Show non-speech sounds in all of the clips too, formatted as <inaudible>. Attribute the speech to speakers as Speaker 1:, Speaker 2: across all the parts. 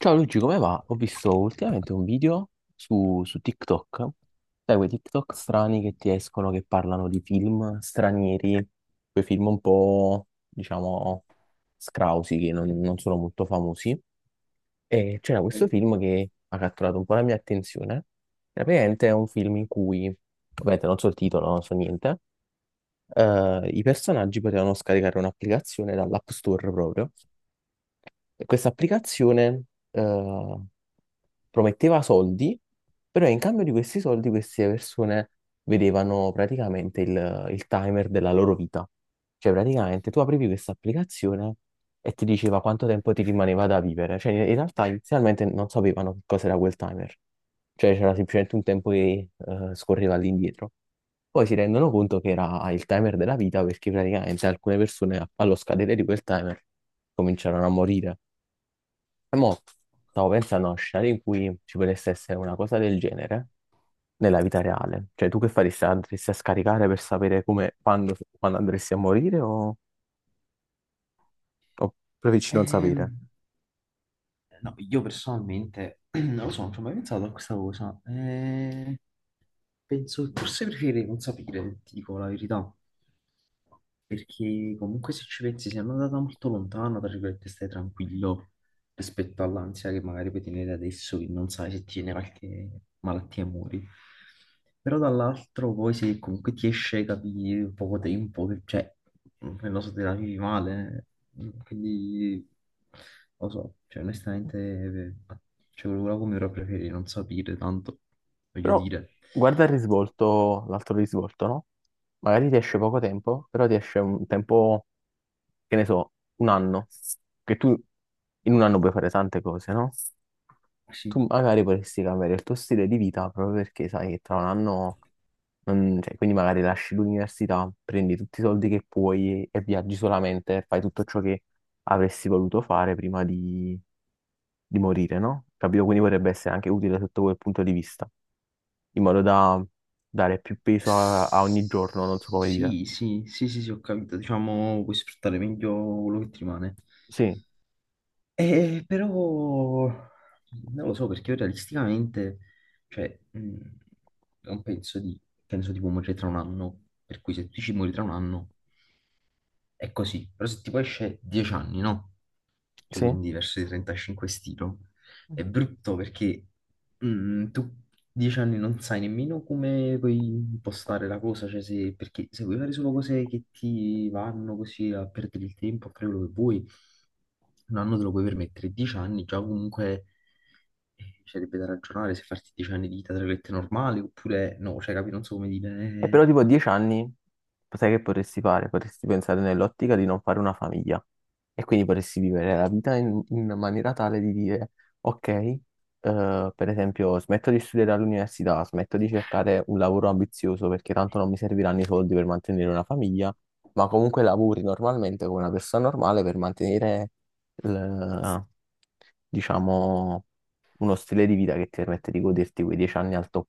Speaker 1: Ciao Luigi, come va? Ho visto ultimamente un video su TikTok, sai, quei TikTok strani che ti escono che parlano di film stranieri, quei film un po', diciamo, scrausi che non sono molto famosi. E c'era questo
Speaker 2: Ok.
Speaker 1: film che ha catturato un po' la mia attenzione. Praticamente è un film in cui, ovviamente non so il titolo, non so niente, i personaggi potevano scaricare un'applicazione dall'App Store proprio. E questa applicazione eh, prometteva soldi, però in cambio di questi soldi queste persone vedevano praticamente il timer della loro vita. Cioè praticamente tu aprivi questa applicazione e ti diceva quanto tempo ti rimaneva da vivere. Cioè in realtà inizialmente non sapevano che cosa era quel timer. Cioè c'era semplicemente un tempo che scorreva all'indietro. Poi si rendono conto che era il timer della vita perché praticamente alcune persone allo scadere di quel timer cominciarono a morire. E mo stavo pensando a uno scenario in cui ci potesse essere una cosa del genere nella vita reale. Cioè, tu che faresti? Andresti a scaricare per sapere come, quando, quando andresti a morire, o preferisci non sapere?
Speaker 2: Ehm, no, io personalmente <clears throat> non lo so, non ci ho mai pensato a questa cosa. Penso che forse preferirei non sapere, ti dico la verità. Perché comunque se ci pensi, sei andata molto lontano, tra virgolette, stai tranquillo rispetto all'ansia che magari puoi tenere adesso, che non sai se ti viene qualche malattia e muori. Però dall'altro poi se comunque ti esce, capi, in poco tempo, cioè, non lo so, te la vivi male, eh. Mm, quindi, lo so, cioè onestamente, cioè, quello come ora preferirei non sapere tanto, voglio
Speaker 1: Però
Speaker 2: dire.
Speaker 1: guarda il risvolto, l'altro risvolto, no? Magari ti esce poco tempo, però ti esce un tempo, che ne so, un anno, che tu in un anno puoi fare tante cose, no?
Speaker 2: Sì,
Speaker 1: Tu magari potresti cambiare il tuo stile di vita proprio perché sai che tra un anno, cioè, quindi magari lasci l'università, prendi tutti i soldi che puoi e viaggi solamente, fai tutto ciò che avresti voluto fare prima di morire, no? Capito? Quindi potrebbe essere anche utile sotto quel punto di vista, in modo da dare più peso a ogni giorno, non so come dire.
Speaker 2: Sì, sì, sì, sì, sì, ho capito, diciamo, puoi sfruttare meglio quello che ti rimane.
Speaker 1: Sì,
Speaker 2: Però non lo so perché io realisticamente, cioè, non penso di, penso tipo morire tra un anno, per cui se tu ci muori tra un anno è così, però se tipo esce dieci anni, no? Più
Speaker 1: sì.
Speaker 2: quindi verso i 35 stilo, è brutto perché tu dieci anni non sai nemmeno come puoi impostare la cosa, cioè se, perché se vuoi fare solo cose che ti vanno così a perdere il tempo, a fare quello che vuoi, un anno te lo puoi permettere, dieci anni già comunque ci sarebbe da ragionare se farti dieci anni di vita tra virgolette normali oppure no, cioè capi, non so come dire,
Speaker 1: E però
Speaker 2: eh.
Speaker 1: tipo a 10 anni, sai che potresti fare? Potresti pensare nell'ottica di non fare una famiglia e quindi potresti vivere la vita in maniera tale di dire, ok, per esempio, smetto di studiare all'università, smetto di cercare un lavoro ambizioso perché tanto non mi serviranno i soldi per mantenere una famiglia, ma comunque lavori normalmente come una persona normale per mantenere, il- diciamo, uno stile di vita che ti permette di goderti quei 10 anni al top.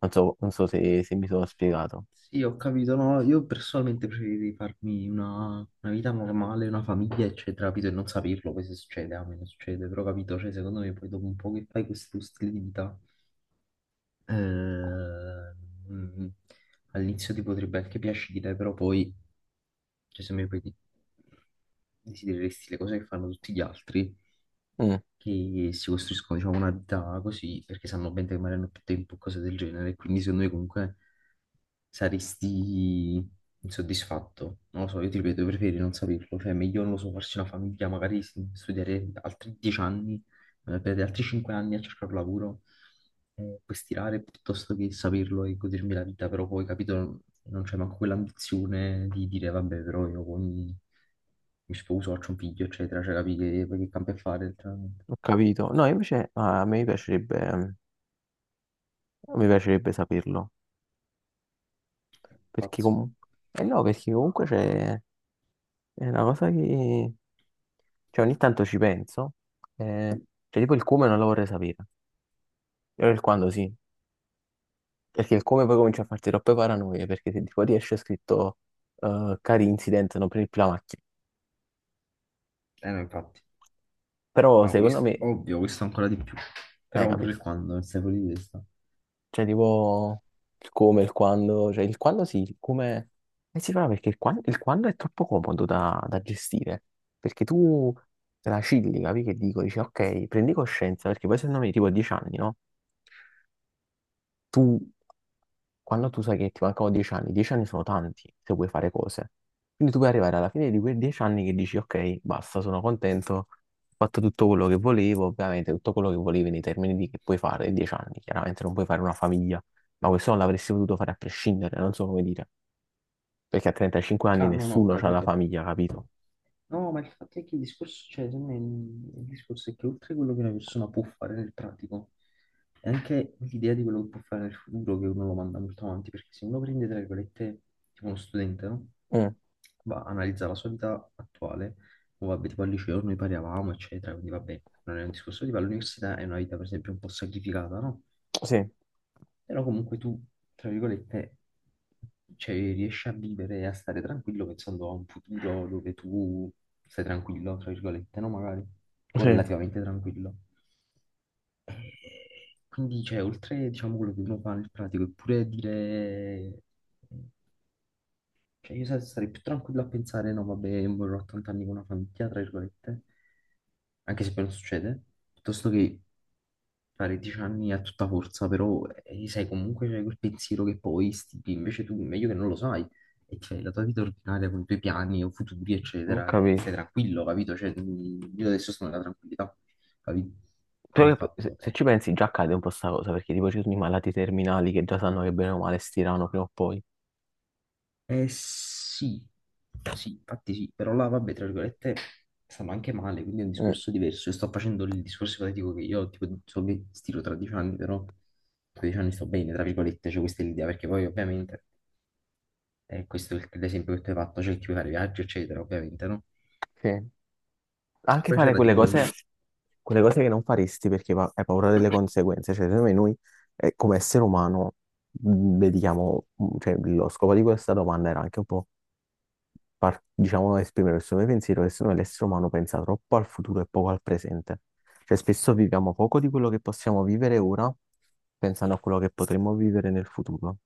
Speaker 1: Non so, non so se mi sono spiegato.
Speaker 2: Sì, ho capito, no, io personalmente preferirei farmi una vita normale, una famiglia, eccetera, capito, e non saperlo, poi se succede, a me non succede, però capito, cioè secondo me poi dopo un po' che fai questo stile di vita, eh, mm, all'inizio ti potrebbe anche piacere, però poi, cioè se mi poi ti- desidereresti le cose che fanno tutti gli altri,
Speaker 1: Mm.
Speaker 2: che si costruiscono, diciamo, una vita così, perché sanno bene che magari hanno più tempo, cose del genere, quindi secondo me comunque saresti insoddisfatto. Non lo so, io ti ripeto, preferi non saperlo. Cioè, meglio, non lo so, farsi una famiglia, magari studiare altri dieci anni, perdere altri cinque anni a cercare un lavoro, puoi stirare piuttosto che saperlo e godermi la vita, però poi, capito, non c'è manco quell'ambizione di dire, vabbè, però mi sposo, faccio un figlio, eccetera, cioè capi che, poi che cambia a fare, letteralmente.
Speaker 1: Ho capito. No, invece ah, a me piacerebbe, mi piacerebbe saperlo. Perché
Speaker 2: Pazzo.
Speaker 1: comunque... Eh no, perché comunque c'è... È una cosa che... Cioè, ogni tanto ci penso. eh, cioè, tipo il come non lo vorrei sapere. Però il quando sì. Perché il come poi comincia a farti troppe paranoie. Perché se tipo ti esce scritto... cari incident, non prendi più la macchina.
Speaker 2: Eh no, infatti.
Speaker 1: Però
Speaker 2: No,
Speaker 1: secondo
Speaker 2: questo,
Speaker 1: me...
Speaker 2: ovvio, questo ancora di più. Però pure
Speaker 1: Capito.
Speaker 2: il quando, non stai fuori di testa.
Speaker 1: Cioè, tipo il come, il quando, cioè il quando sì, il come si fa perché il quando è troppo comodo da gestire, perché tu te la cilli, capi che dico, dici ok, prendi coscienza, perché poi secondo me tipo a 10 anni, no? Tu quando tu sai che ti mancano 10 anni, 10 anni sono tanti se vuoi fare cose. Quindi tu puoi arrivare alla fine di quei 10 anni che dici, ok, basta, sono contento, ho fatto tutto quello che volevo, ovviamente tutto quello che volevi nei termini di che puoi fare in 10 anni, chiaramente non puoi fare una famiglia, ma questo non l'avresti potuto fare a prescindere, non so come dire, perché a 35 anni
Speaker 2: Ah, non ho
Speaker 1: nessuno ha la
Speaker 2: capito.
Speaker 1: famiglia, capito?
Speaker 2: No, ma il fatto è che il discorso, cioè, secondo me, il discorso è che oltre a quello che una persona può fare nel pratico, è anche l'idea di quello che può fare nel futuro che uno lo manda molto avanti, perché se uno prende, tra virgolette, tipo uno studente, no?
Speaker 1: Mm,
Speaker 2: Va, analizza la sua vita attuale, o vabbè, tipo al liceo noi paravamo, eccetera, quindi vabbè, non è un discorso tipo all'università, è una vita per esempio un po' sacrificata, no?
Speaker 1: sì.
Speaker 2: Però comunque tu, tra virgolette, cioè, riesci a vivere e a stare tranquillo pensando a un futuro dove tu stai tranquillo, tra virgolette, no? Magari, o
Speaker 1: Sì,
Speaker 2: relativamente tranquillo. E quindi, cioè, oltre, diciamo, quello che uno fa nel pratico, è pure dire... Cioè, sarei più tranquillo a pensare, no, vabbè, morirò a 80 anni con una famiglia, tra virgolette, anche se poi non succede, piuttosto che fare dieci anni a tutta forza, però sai comunque c'è quel pensiero che poi stipi, invece tu meglio che non lo sai e ti fai la tua vita ordinaria con i tuoi piani o futuri,
Speaker 1: ho
Speaker 2: eccetera, e
Speaker 1: capito.
Speaker 2: stai tranquillo, capito? Cioè, io adesso sono nella tranquillità, capito? Qual è il
Speaker 1: Però se,
Speaker 2: fatto?
Speaker 1: se ci pensi già accade un po' sta cosa, perché tipo ci sono i malati terminali che già sanno che bene o male stirano prima o poi.
Speaker 2: Sì, sì, infatti sì, però là, vabbè, tra virgolette, stavo anche male, quindi è un
Speaker 1: Mm,
Speaker 2: discorso diverso. Io sto facendo il discorso ipotetico che io, tipo, so che stiro tra dieci anni, però tra dieci anni sto bene, tra virgolette, cioè questa è l'idea, perché poi ovviamente... E questo è l'esempio che tu hai fatto, c'è il chi vuole fare viaggio, eccetera, ovviamente, no?
Speaker 1: sì. Anche
Speaker 2: Poi
Speaker 1: fare
Speaker 2: c'era tipo un...
Speaker 1: quelle cose che non faresti perché hai paura delle conseguenze. Cioè, secondo me noi, come essere umano, dedichiamo, cioè, lo scopo di questa domanda era anche un po', diciamo, esprimere il suo pensiero che secondo me l'essere umano pensa troppo al futuro e poco al presente. Cioè, spesso viviamo poco di quello che possiamo vivere ora, pensando a quello che potremmo vivere nel futuro.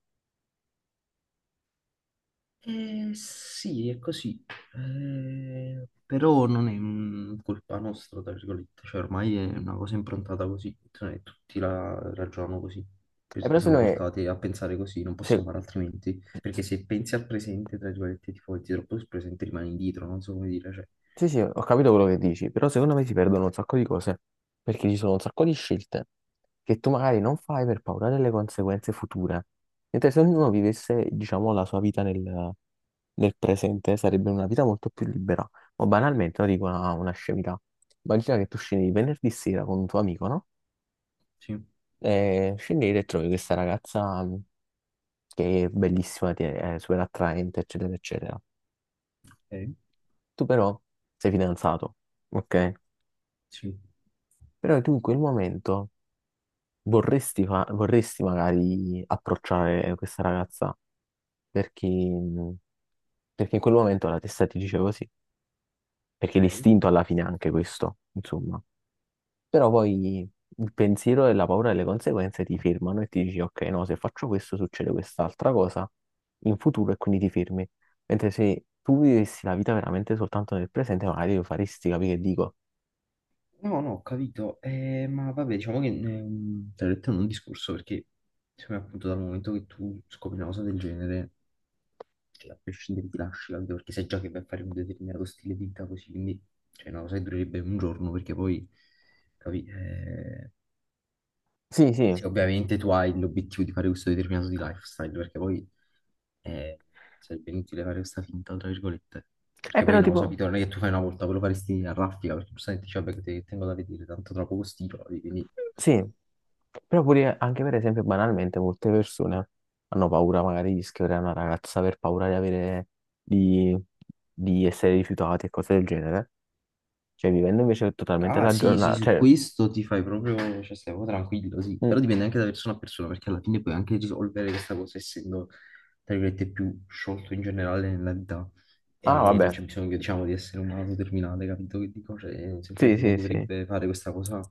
Speaker 2: Sì, è così. Però non è colpa nostra, tra virgolette, cioè ormai è una cosa improntata così, cioè, tutti la ragionano così,
Speaker 1: E
Speaker 2: perché
Speaker 1: però
Speaker 2: siamo
Speaker 1: secondo me,
Speaker 2: portati a pensare così, non possiamo
Speaker 1: se-
Speaker 2: fare altrimenti, perché se pensi al presente, tra virgolette, ti fai troppo sul presente, rimani indietro, non so come dire, cioè...
Speaker 1: sì, sì, ho capito quello che dici, però secondo me si perdono un sacco di cose, perché ci sono un sacco di scelte che tu magari non fai per paura delle conseguenze future. Mentre se ognuno vivesse, diciamo, la sua vita nel presente, sarebbe una vita molto più libera. Ma banalmente, no, dico una scemità. Immagina che tu scendi venerdì sera con un tuo amico, no?
Speaker 2: Sì,
Speaker 1: E scendete e trovi questa ragazza che è bellissima, è super attraente, eccetera, eccetera.
Speaker 2: ok,
Speaker 1: Tu però sei fidanzato, ok?
Speaker 2: sì,
Speaker 1: Però tu in quel momento vorresti, vorresti magari approcciare questa ragazza perché, perché in quel momento la testa ti dice così, perché
Speaker 2: ok.
Speaker 1: l'istinto alla fine è anche questo, insomma. Però poi il pensiero e la paura delle conseguenze ti fermano e ti dici, ok, no, se faccio questo succede quest'altra cosa in futuro e quindi ti fermi. Mentre se tu vivessi la vita veramente soltanto nel presente, magari lo faresti, capire che dico?
Speaker 2: No, no, ho capito, eh, ma vabbè, diciamo che te l'ho detto in un discorso perché secondo me appunto dal momento che tu scopri una cosa del genere, che a prescindere ti lasci, capito? Perché sai già che vai a fare un determinato stile di vita così, quindi cioè, è una cosa che durerebbe un giorno perché poi, capi,
Speaker 1: Sì, sì.
Speaker 2: se ovviamente tu hai l'obiettivo di fare questo determinato di lifestyle, perché poi eh, sarebbe inutile fare questa finta, tra virgolette. Perché poi
Speaker 1: Però
Speaker 2: no,
Speaker 1: tipo,
Speaker 2: sapete, non è che tu fai una volta, ve lo faresti a raffica, perché giustamente dici, vabbè, tengo da vedere, tanto tra poco stiro, quindi...
Speaker 1: sì, però pure anche per esempio banalmente molte persone hanno paura magari di scrivere a una ragazza per paura di avere di, di essere rifiutati e cose del genere. Cioè vivendo invece totalmente
Speaker 2: Ah
Speaker 1: la
Speaker 2: sì, sì,
Speaker 1: giornata,
Speaker 2: su
Speaker 1: cioè
Speaker 2: questo ti fai proprio, cioè stai proprio tranquillo, sì,
Speaker 1: mm,
Speaker 2: però dipende anche da persona a persona, perché alla fine puoi anche risolvere questa cosa essendo, tra virgolette, più sciolto in generale nella vita
Speaker 1: ah
Speaker 2: e non
Speaker 1: vabbè.
Speaker 2: c'è bisogno, diciamo, di essere un malato terminale, capito che dico? Cioè,
Speaker 1: Sì,
Speaker 2: semplicemente uno
Speaker 1: sì, sì.
Speaker 2: dovrebbe fare questa cosa,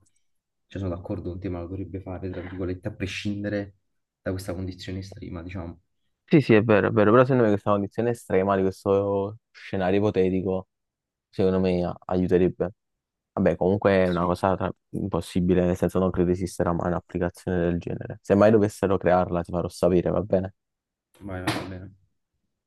Speaker 2: cioè sono d'accordo con te, ma lo dovrebbe fare, tra virgolette, a prescindere da questa condizione estrema, diciamo.
Speaker 1: Sì, sì, è vero, però secondo me questa condizione estrema di questo scenario ipotetico, secondo me aiuterebbe. Vabbè, comunque è una
Speaker 2: Sì,
Speaker 1: cosa impossibile, nel senso non credo esista mai un'applicazione del genere. Se mai dovessero crearla, ti farò sapere, va bene?
Speaker 2: vai, vai, va bene.